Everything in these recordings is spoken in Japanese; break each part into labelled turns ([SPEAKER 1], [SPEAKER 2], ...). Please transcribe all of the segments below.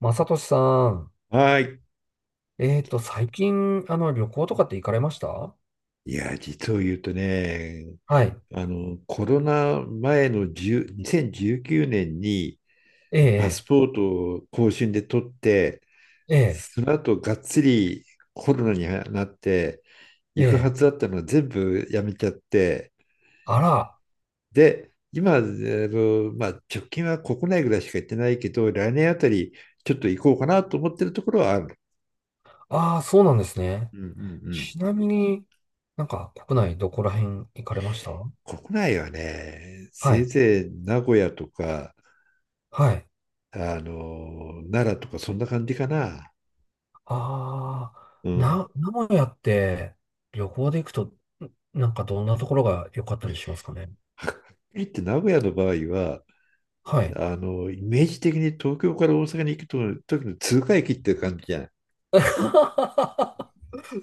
[SPEAKER 1] まさとしさん、
[SPEAKER 2] はい。
[SPEAKER 1] 最近、旅行とかって行かれました？
[SPEAKER 2] いや、実を言うとね、
[SPEAKER 1] はい。
[SPEAKER 2] コロナ前の10 2019年にせんじゅうきゅうねんに
[SPEAKER 1] え
[SPEAKER 2] パス
[SPEAKER 1] え、
[SPEAKER 2] ポートを更新で取って、
[SPEAKER 1] え
[SPEAKER 2] その後がっつりコロナになって、
[SPEAKER 1] え、
[SPEAKER 2] 行
[SPEAKER 1] え
[SPEAKER 2] くは
[SPEAKER 1] え。
[SPEAKER 2] ずだったのを全部やめちゃって、
[SPEAKER 1] あら、
[SPEAKER 2] で、今、まあ、直近は国内ぐらいしか行ってないけど、来年あたりちょっと行こうかなと思ってるところはある。
[SPEAKER 1] ああ、そうなんですね。
[SPEAKER 2] うんうんうん。
[SPEAKER 1] ちなみに、なんか国内どこら辺行かれました？
[SPEAKER 2] 国内はね、
[SPEAKER 1] は
[SPEAKER 2] せい
[SPEAKER 1] い、
[SPEAKER 2] ぜい名古屋とか、
[SPEAKER 1] はい。
[SPEAKER 2] 奈良とかそんな感じかな。
[SPEAKER 1] ああ、
[SPEAKER 2] うん。
[SPEAKER 1] 名古屋って旅行で行くと、なんかどんなところが良かったりしますかね？
[SPEAKER 2] はっきり言 って名古屋の場合は、
[SPEAKER 1] はい。
[SPEAKER 2] イメージ的に東京から大阪に行くと時の通過駅って感じじゃん。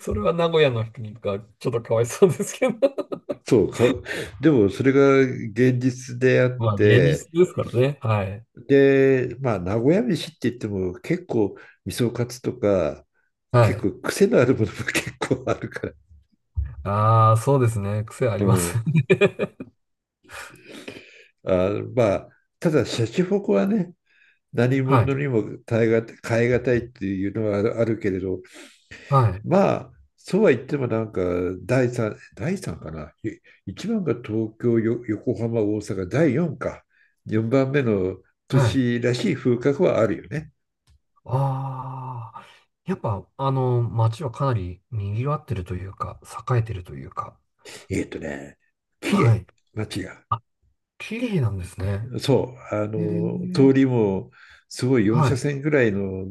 [SPEAKER 1] それは名古屋の人にがちょっとかわいそうですけど。
[SPEAKER 2] そうか、でもそれが現実であっ
[SPEAKER 1] まあ、現実
[SPEAKER 2] て、
[SPEAKER 1] ですからね。はい。
[SPEAKER 2] で、まあ、名古屋飯って言っても結構味噌カツとか、
[SPEAKER 1] は
[SPEAKER 2] 結
[SPEAKER 1] い。
[SPEAKER 2] 構癖のあるものも結構あるから。
[SPEAKER 1] ああ、そうですね。癖あ
[SPEAKER 2] う
[SPEAKER 1] ります
[SPEAKER 2] ん。
[SPEAKER 1] ね。
[SPEAKER 2] あ、まあ、ただ、シャチホコはね、何
[SPEAKER 1] は
[SPEAKER 2] 者
[SPEAKER 1] い。
[SPEAKER 2] にも耐えがたい、変えがたいっていうのはあるけれど、
[SPEAKER 1] はい。
[SPEAKER 2] まあ、そうは言ってもなんか、第三かな。一番が東京、横浜、大阪、第4か。4番目の都
[SPEAKER 1] はい。
[SPEAKER 2] 市らしい風格はあるよね。
[SPEAKER 1] ああ。やっぱ、街はかなり賑わってるというか、栄えてるというか。
[SPEAKER 2] えっとね、綺
[SPEAKER 1] は
[SPEAKER 2] 麗、
[SPEAKER 1] い。
[SPEAKER 2] 街が。
[SPEAKER 1] あ、綺麗なんですね。
[SPEAKER 2] そう、
[SPEAKER 1] へえ。
[SPEAKER 2] 通りもすごい4
[SPEAKER 1] は
[SPEAKER 2] 車
[SPEAKER 1] い。
[SPEAKER 2] 線ぐらいの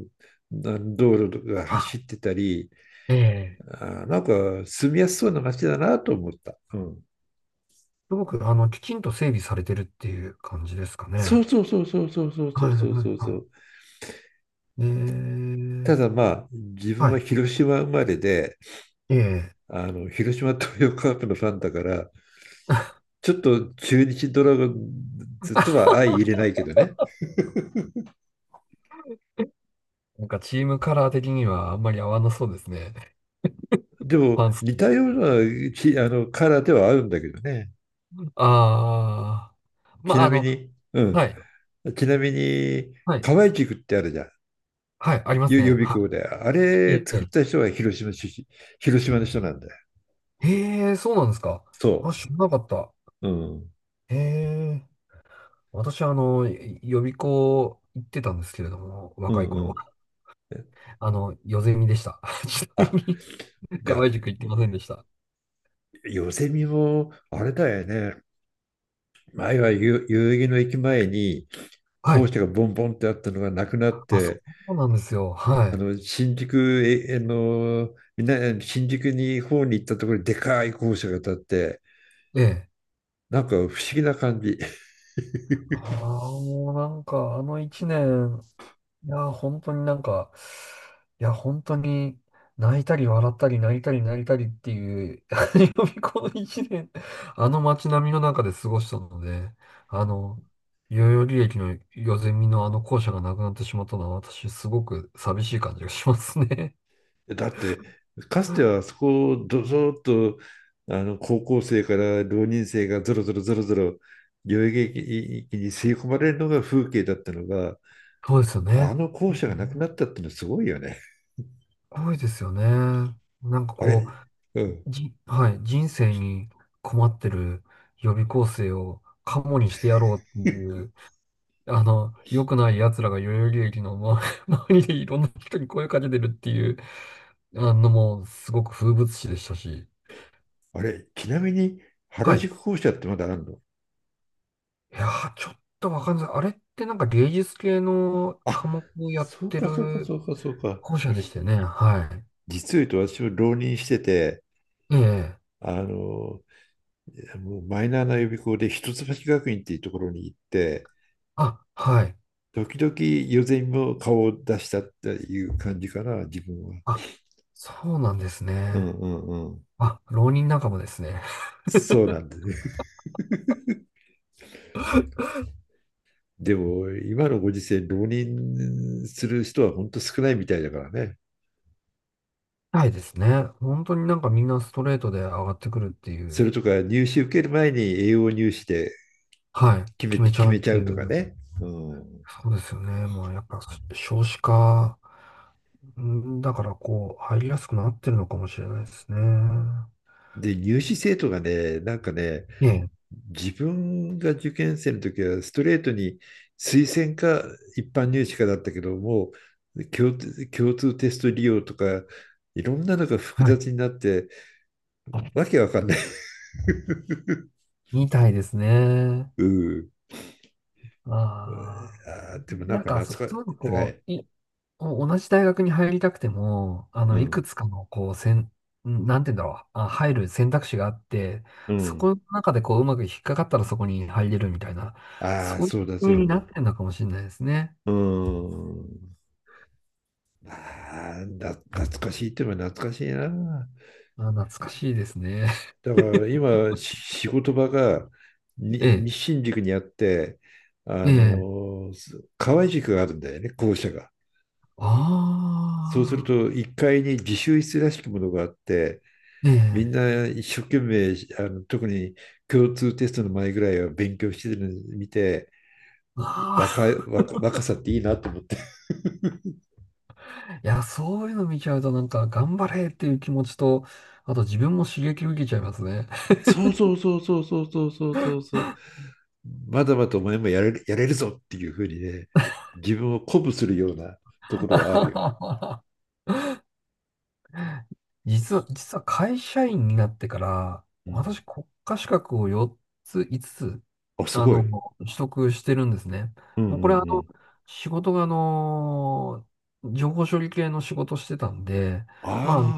[SPEAKER 2] な道路が
[SPEAKER 1] あ、
[SPEAKER 2] 走ってたり、
[SPEAKER 1] ええ。
[SPEAKER 2] あ、なんか住みやすそうな街だなと思った。うん。
[SPEAKER 1] すごく、きちんと整備されてるっていう感じですかね。
[SPEAKER 2] そうそうそうそうそうそうそ
[SPEAKER 1] はい、
[SPEAKER 2] うそ
[SPEAKER 1] はい、
[SPEAKER 2] うそうそ
[SPEAKER 1] は
[SPEAKER 2] う。
[SPEAKER 1] い。え
[SPEAKER 2] た
[SPEAKER 1] え、
[SPEAKER 2] だまあ、自分
[SPEAKER 1] は
[SPEAKER 2] は
[SPEAKER 1] い。
[SPEAKER 2] 広島生まれで、
[SPEAKER 1] ええ。
[SPEAKER 2] 広島東洋カープのファンだから、ちょっと中日ドラゴンズとは相入れないけどね。
[SPEAKER 1] なんかチームカラー的にはあんまり合わなそうですね。
[SPEAKER 2] で
[SPEAKER 1] フ
[SPEAKER 2] も、
[SPEAKER 1] ァンス。
[SPEAKER 2] 似たようなち、あの、カラーではあるんだけどね。
[SPEAKER 1] ああ。ま
[SPEAKER 2] ち
[SPEAKER 1] あ、
[SPEAKER 2] なみに、う
[SPEAKER 1] は
[SPEAKER 2] ん。
[SPEAKER 1] い。
[SPEAKER 2] ちなみに、
[SPEAKER 1] はい。
[SPEAKER 2] 河合塾ってあるじゃん。
[SPEAKER 1] はい。あります
[SPEAKER 2] 予
[SPEAKER 1] ね。
[SPEAKER 2] 備
[SPEAKER 1] は
[SPEAKER 2] 校で。あ
[SPEAKER 1] い。
[SPEAKER 2] れ
[SPEAKER 1] え
[SPEAKER 2] 作っ
[SPEAKER 1] え。
[SPEAKER 2] た人は広島出身、広島の人なんだよ。
[SPEAKER 1] へえ、そうなんですか。
[SPEAKER 2] そ
[SPEAKER 1] あ、知らなかった。
[SPEAKER 2] う。うん。
[SPEAKER 1] へえ。私、予備校行ってたんですけれども、
[SPEAKER 2] う
[SPEAKER 1] 若
[SPEAKER 2] ん
[SPEAKER 1] い
[SPEAKER 2] う
[SPEAKER 1] 頃。
[SPEAKER 2] ん。
[SPEAKER 1] ヨゼミでした。ちなみ
[SPEAKER 2] あ、
[SPEAKER 1] に、
[SPEAKER 2] じゃ
[SPEAKER 1] 河
[SPEAKER 2] あ、
[SPEAKER 1] 合塾行ってませんでした。
[SPEAKER 2] よせみも、あれだよね。前は代々木の駅前に
[SPEAKER 1] は
[SPEAKER 2] 校
[SPEAKER 1] い。
[SPEAKER 2] 舎がボンボンってあったのがなくなっ
[SPEAKER 1] あ、そ
[SPEAKER 2] て、
[SPEAKER 1] うなんですよ。は
[SPEAKER 2] 新宿えあのみな新宿に方に行ったところにでかい校舎が建って、
[SPEAKER 1] い。ええ。
[SPEAKER 2] なんか不思議な感じ。
[SPEAKER 1] あ あ、もうなんか、あの一年、いやー、本当になんか、いや、本当に泣いたり笑ったり泣いたり泣いたりっていう、予備校の一年、あの街並みの中で過ごしたので、あの、代々木駅のヨゼミのあの校舎がなくなってしまったのは私すごく寂しい感じがしますね。
[SPEAKER 2] だってかつてはそこをどぞっと高校生から浪人生がぞろぞろぞろぞろ代々木駅に吸い込まれるのが風景だったのが、
[SPEAKER 1] そうですよ
[SPEAKER 2] あ
[SPEAKER 1] ね。
[SPEAKER 2] の校
[SPEAKER 1] う
[SPEAKER 2] 舎がなくな
[SPEAKER 1] ん、
[SPEAKER 2] ったってのはすごいよね。
[SPEAKER 1] すごいですよね。なんか
[SPEAKER 2] あれ、
[SPEAKER 1] こ
[SPEAKER 2] う
[SPEAKER 1] う、
[SPEAKER 2] ん。
[SPEAKER 1] はい、人生に困ってる予備校生をカモにしてやろうってい う良くない奴らが代々木駅の周り 周りでいろんな人に声かけてるっていう、もう、すごく風物詩でしたし。
[SPEAKER 2] あれ、ちなみに原
[SPEAKER 1] はい。い
[SPEAKER 2] 宿校舎ってまだあるの？
[SPEAKER 1] やー、ちょっとわかんない。あれってなんか芸術系の
[SPEAKER 2] あ、
[SPEAKER 1] 科目をやっ
[SPEAKER 2] そう
[SPEAKER 1] て
[SPEAKER 2] かそうかそ
[SPEAKER 1] る
[SPEAKER 2] うかそうか。
[SPEAKER 1] 校舎でしたよね。は
[SPEAKER 2] 実を言うと私も浪人してて、
[SPEAKER 1] い。ええ。
[SPEAKER 2] あの、もうマイナーな予備校で一橋学院っていうところに行って、
[SPEAKER 1] あ、はい。
[SPEAKER 2] 時々予選も顔を出したっていう感じかな、自分は。
[SPEAKER 1] あ、そうなんです
[SPEAKER 2] う
[SPEAKER 1] ね。
[SPEAKER 2] んうんうん。
[SPEAKER 1] あ、浪人仲間ですね。
[SPEAKER 2] そうなんだね。でも今のご時世、浪人する人は本当少ないみたいだからね。
[SPEAKER 1] はいですね。本当になんかみんなストレートで上がってくるってい
[SPEAKER 2] そ
[SPEAKER 1] う。
[SPEAKER 2] れとか入試受ける前に栄養入試で
[SPEAKER 1] はい。決めち
[SPEAKER 2] 決
[SPEAKER 1] ゃう
[SPEAKER 2] め
[SPEAKER 1] っ
[SPEAKER 2] ちゃ
[SPEAKER 1] てい
[SPEAKER 2] うとか
[SPEAKER 1] う。
[SPEAKER 2] ね。うん。
[SPEAKER 1] そうですよね。まあ、やっぱ少子化、だからこう、入りやすくなってるのかもしれないですね。
[SPEAKER 2] で、入試生徒がね、なんかね、
[SPEAKER 1] ええ、
[SPEAKER 2] 自分が受験生の時はストレートに推薦か一般入試かだったけども、共通テスト利用とか、いろんなのが複
[SPEAKER 1] はい。
[SPEAKER 2] 雑になって、わけわかんない。
[SPEAKER 1] みたいですね。
[SPEAKER 2] うん。
[SPEAKER 1] ああ。
[SPEAKER 2] でもなん
[SPEAKER 1] なん
[SPEAKER 2] か
[SPEAKER 1] か、
[SPEAKER 2] 懐か
[SPEAKER 1] そういうの
[SPEAKER 2] しい。は
[SPEAKER 1] こ
[SPEAKER 2] い。
[SPEAKER 1] う、同じ大学に入りたくても、
[SPEAKER 2] う
[SPEAKER 1] いく
[SPEAKER 2] ん。
[SPEAKER 1] つかの、こう、せん、んなんて言うんだろう、あ、入る選択肢があって、
[SPEAKER 2] う
[SPEAKER 1] そこ
[SPEAKER 2] ん。
[SPEAKER 1] の中でこう、うまく引っかかったらそこに入れるみたいな、
[SPEAKER 2] ああ、
[SPEAKER 1] そういう
[SPEAKER 2] そうだそ
[SPEAKER 1] 風
[SPEAKER 2] う。
[SPEAKER 1] になってるのかもしれないですね。
[SPEAKER 2] うん。ああ、懐かしいって言えば懐かしいな。
[SPEAKER 1] あ、懐かしいですね。
[SPEAKER 2] だから 今、仕事場が
[SPEAKER 1] ええ、
[SPEAKER 2] 西新宿にあって、
[SPEAKER 1] え
[SPEAKER 2] あ
[SPEAKER 1] え、
[SPEAKER 2] の、河合塾があるんだよね、校舎が。そうする
[SPEAKER 1] ああ、
[SPEAKER 2] と、1階に自習室らしきものがあって、
[SPEAKER 1] え
[SPEAKER 2] みん
[SPEAKER 1] え、
[SPEAKER 2] な一生懸命、特に共通テストの前ぐらいは勉強してるのを見て、
[SPEAKER 1] あ
[SPEAKER 2] 若さっていいなと思って。
[SPEAKER 1] あ、いや、そういうの見ちゃうとなんか頑張れっていう気持ちと、あと自分も刺激受けちゃいますね。
[SPEAKER 2] そうそうそうそうそうそうそうそうそう。まだまだお前もやれる、やれるぞっていうふうにね、自分を鼓舞するようなところはあるよ。
[SPEAKER 1] 実は、実は会社員になってから、
[SPEAKER 2] うん。
[SPEAKER 1] 私国家資格を4つ、5つつ、
[SPEAKER 2] あ、す
[SPEAKER 1] あ
[SPEAKER 2] ご
[SPEAKER 1] の、
[SPEAKER 2] い。
[SPEAKER 1] 取得してるんですね。
[SPEAKER 2] うんう
[SPEAKER 1] もう
[SPEAKER 2] ん
[SPEAKER 1] これ
[SPEAKER 2] うん。
[SPEAKER 1] 仕事が情報処理系の仕事してたんで、まあ、
[SPEAKER 2] あ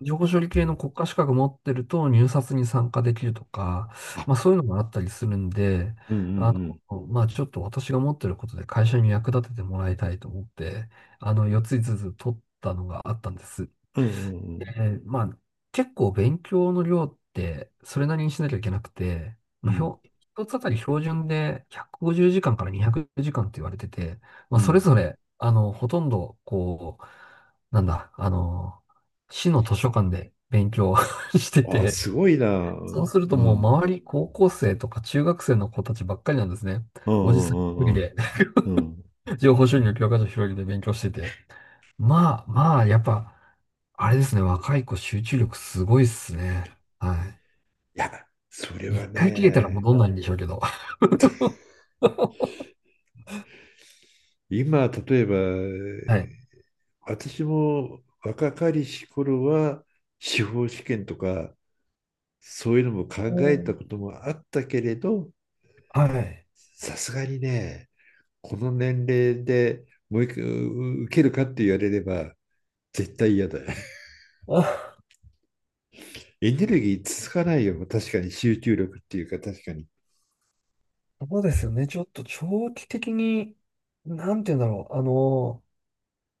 [SPEAKER 1] 情報処理系の国家資格持ってると入札に参加できるとか、
[SPEAKER 2] あ、あ、
[SPEAKER 1] まあそういうのがあったりするんで、
[SPEAKER 2] うんうんう
[SPEAKER 1] あ
[SPEAKER 2] ん。
[SPEAKER 1] まあちょっと私が持ってることで会社に役立ててもらいたいと思って、4つ5つつ取ったのがあったんです。
[SPEAKER 2] うんうん
[SPEAKER 1] まあ、結構勉強の量ってそれなりにしなきゃいけなくて、
[SPEAKER 2] う
[SPEAKER 1] ま
[SPEAKER 2] ん。う
[SPEAKER 1] あ、
[SPEAKER 2] ん。
[SPEAKER 1] 一つあたり標準で150時間から200時間って言われてて、ま
[SPEAKER 2] う
[SPEAKER 1] あ、それ
[SPEAKER 2] ん。
[SPEAKER 1] ぞれ、ほとんど、こう、なんだ、市の図書館で勉強 して
[SPEAKER 2] あ、
[SPEAKER 1] て、
[SPEAKER 2] すごいな。う
[SPEAKER 1] そう
[SPEAKER 2] ん。
[SPEAKER 1] すると
[SPEAKER 2] う
[SPEAKER 1] もう
[SPEAKER 2] ん
[SPEAKER 1] 周り高校生とか中学生の子たちばっかりなんですね。
[SPEAKER 2] う
[SPEAKER 1] おじさん一人
[SPEAKER 2] んうんうん。
[SPEAKER 1] で
[SPEAKER 2] うん。
[SPEAKER 1] 情報収入教科書広げて勉強してて。まあ、まあ、やっぱ、あれですね、若い子集中力すごいっすね。は
[SPEAKER 2] いや、それ
[SPEAKER 1] い。
[SPEAKER 2] は
[SPEAKER 1] 一回切れたら
[SPEAKER 2] ね、
[SPEAKER 1] 戻んないんでしょうけど。
[SPEAKER 2] 今、例えば、
[SPEAKER 1] はい。
[SPEAKER 2] 私も若かりし頃は、司法試験とか、そういうのも考
[SPEAKER 1] う
[SPEAKER 2] えた
[SPEAKER 1] ん。
[SPEAKER 2] こともあったけれど、
[SPEAKER 1] はい。
[SPEAKER 2] さすがにね、この年齢でもう一回受けるかって言われれば、絶対嫌だ。
[SPEAKER 1] あ、
[SPEAKER 2] エネルギー続かないよ。確かに集中力っていうか、確かに。
[SPEAKER 1] そうですよね。ちょっと長期的に、なんて言うんだろう。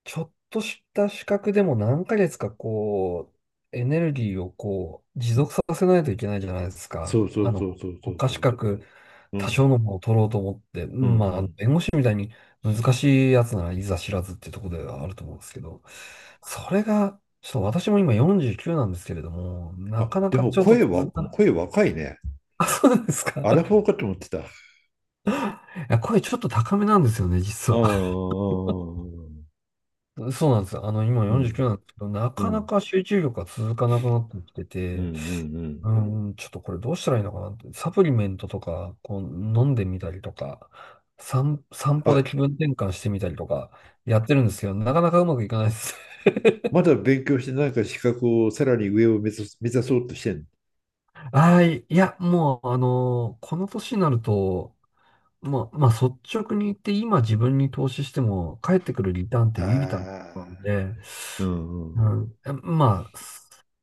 [SPEAKER 1] ちょっとした資格でも何ヶ月かこう、エネルギーをこう、持続させないといけないじゃないですか。
[SPEAKER 2] そうそうそうそうそ
[SPEAKER 1] 国
[SPEAKER 2] う
[SPEAKER 1] 家
[SPEAKER 2] そ
[SPEAKER 1] 資
[SPEAKER 2] う。
[SPEAKER 1] 格、
[SPEAKER 2] う
[SPEAKER 1] 多
[SPEAKER 2] ん。
[SPEAKER 1] 少のものを取ろうと思って、う
[SPEAKER 2] うんう
[SPEAKER 1] ん、まあ、
[SPEAKER 2] ん。
[SPEAKER 1] 弁護士みたいに難しいやつならいざ知らずっていうところではあると思うんですけど、それが、ちょっと私も今49なんですけれども、な
[SPEAKER 2] あ、
[SPEAKER 1] かな
[SPEAKER 2] で
[SPEAKER 1] か
[SPEAKER 2] も
[SPEAKER 1] ちょっと続かない。
[SPEAKER 2] 声若いね。
[SPEAKER 1] あ、そうなんですか。い
[SPEAKER 2] アラフォーかと思ってた。ああ、
[SPEAKER 1] や、声ちょっと高めなんですよね、実
[SPEAKER 2] う
[SPEAKER 1] は。
[SPEAKER 2] ん、
[SPEAKER 1] そうなんです。今
[SPEAKER 2] う
[SPEAKER 1] 49
[SPEAKER 2] ん、
[SPEAKER 1] なんですけど、な
[SPEAKER 2] う
[SPEAKER 1] かな
[SPEAKER 2] ん、
[SPEAKER 1] か集中力が続かなくなってきて
[SPEAKER 2] うん、
[SPEAKER 1] て、
[SPEAKER 2] うん。
[SPEAKER 1] うん、うん、ちょっとこれどうしたらいいのかなって、サプリメントとか、こう、飲んでみたりとか、散歩で
[SPEAKER 2] あ、
[SPEAKER 1] 気分転換してみたりとか、やってるんですけど、なかなかうまくいかないです。
[SPEAKER 2] ま だ勉強してなんか資格をさらに上を目指す、目指そうとしてんの。
[SPEAKER 1] ああ、いや、もう、この年になると、まあ、まあ、率直に言って今自分に投資しても返ってくるリターンっ
[SPEAKER 2] あ
[SPEAKER 1] て微々たる
[SPEAKER 2] あ、
[SPEAKER 1] ものなんで、
[SPEAKER 2] うん、うん。
[SPEAKER 1] うん、まあ、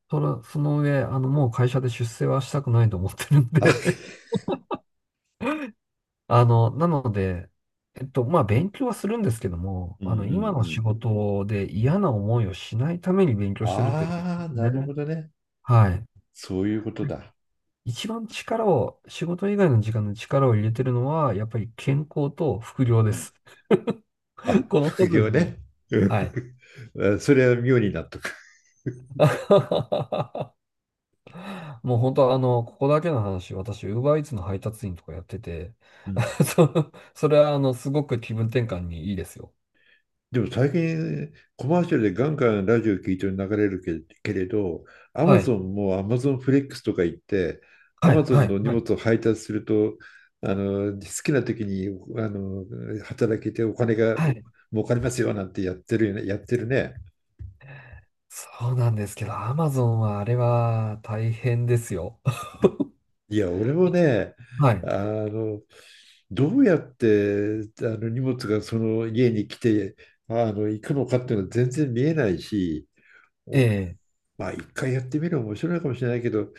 [SPEAKER 1] その上、もう会社で出世はしたくないと思ってるん
[SPEAKER 2] あ、
[SPEAKER 1] で なので、まあ、勉強はするんですけども、
[SPEAKER 2] うん、う
[SPEAKER 1] 今
[SPEAKER 2] ん、
[SPEAKER 1] の
[SPEAKER 2] う
[SPEAKER 1] 仕
[SPEAKER 2] ん。
[SPEAKER 1] 事で嫌な思いをしないために勉強してるってことで
[SPEAKER 2] ああ、
[SPEAKER 1] す
[SPEAKER 2] なるほ
[SPEAKER 1] ね。
[SPEAKER 2] どね。
[SPEAKER 1] はい。
[SPEAKER 2] そういうことだ。
[SPEAKER 1] 一番力を、仕事以外の時間の力を入れてるのは、やっぱり健康と副業
[SPEAKER 2] う
[SPEAKER 1] で
[SPEAKER 2] ん。
[SPEAKER 1] す。
[SPEAKER 2] あ、
[SPEAKER 1] この2
[SPEAKER 2] 副
[SPEAKER 1] つで
[SPEAKER 2] 業
[SPEAKER 1] すね。
[SPEAKER 2] ね。う
[SPEAKER 1] はい。
[SPEAKER 2] ん。 それは妙に納得。
[SPEAKER 1] もう本当ここだけの話、私、ウーバーイーツの配達員とかやってて、
[SPEAKER 2] うん。
[SPEAKER 1] それはすごく気分転換にいいですよ。
[SPEAKER 2] でも最近コマーシャルでガンガンラジオ聞いて流れるけれど、アマ
[SPEAKER 1] はい。
[SPEAKER 2] ゾンもアマゾンフレックスとか言って、ア
[SPEAKER 1] は
[SPEAKER 2] マ
[SPEAKER 1] い。
[SPEAKER 2] ゾ
[SPEAKER 1] は
[SPEAKER 2] ン
[SPEAKER 1] い。
[SPEAKER 2] の荷
[SPEAKER 1] はい。
[SPEAKER 2] 物を配達すると、好きな時にあの働けてお金が
[SPEAKER 1] はい。
[SPEAKER 2] 儲かりますよなんてやってるよね、やってるね。
[SPEAKER 1] そうなんですけど、アマゾンはあれは大変ですよ。
[SPEAKER 2] いや、俺もね、
[SPEAKER 1] はい。
[SPEAKER 2] あの、どうやってあの荷物がその家に来て行くのかっていうのは全然見えないし、
[SPEAKER 1] え
[SPEAKER 2] お
[SPEAKER 1] え。
[SPEAKER 2] まあ一回やってみるの面白いかもしれないけど、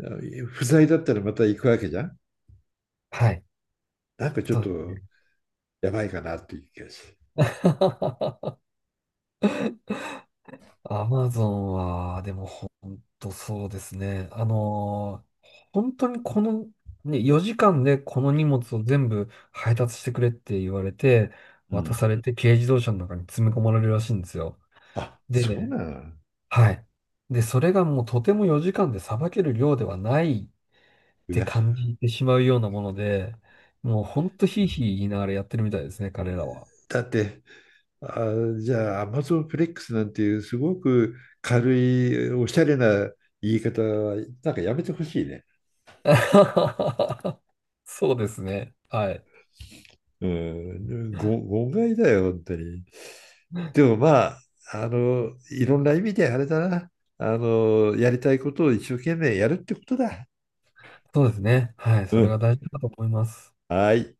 [SPEAKER 2] 不在だったらまた行くわけじゃん。
[SPEAKER 1] はい。
[SPEAKER 2] なんかちょっ
[SPEAKER 1] そうです
[SPEAKER 2] と
[SPEAKER 1] ね。
[SPEAKER 2] やばいかなっていう気がする。
[SPEAKER 1] アマゾンは、でもほんとそうですね。本当にこの、ね、4時間でこの荷物を全部配達してくれって言われて、
[SPEAKER 2] う
[SPEAKER 1] 渡
[SPEAKER 2] ん。
[SPEAKER 1] されて軽自動車の中に詰め込まれるらしいんですよ。
[SPEAKER 2] あ、
[SPEAKER 1] で、
[SPEAKER 2] そうなの。
[SPEAKER 1] はい。で、それがもうとても4時間でさばける量ではないっ
[SPEAKER 2] う
[SPEAKER 1] て
[SPEAKER 2] わ。
[SPEAKER 1] 感じてしまうようなもので、もうほんとひいひい言いながらやってるみたいですね、彼らは。
[SPEAKER 2] だって、あ、じゃあ Amazon フレックスなんていうすごく軽いおしゃれな言い方はなんかやめてほしいね。
[SPEAKER 1] そうですね。はい。
[SPEAKER 2] うん、誤解だよ、本当に。でもまあ、いろんな意味であれだな。やりたいことを一生懸命やるってことだ。
[SPEAKER 1] そうですね。はい。そ
[SPEAKER 2] う
[SPEAKER 1] れが
[SPEAKER 2] ん。
[SPEAKER 1] 大事だと思います。
[SPEAKER 2] はい。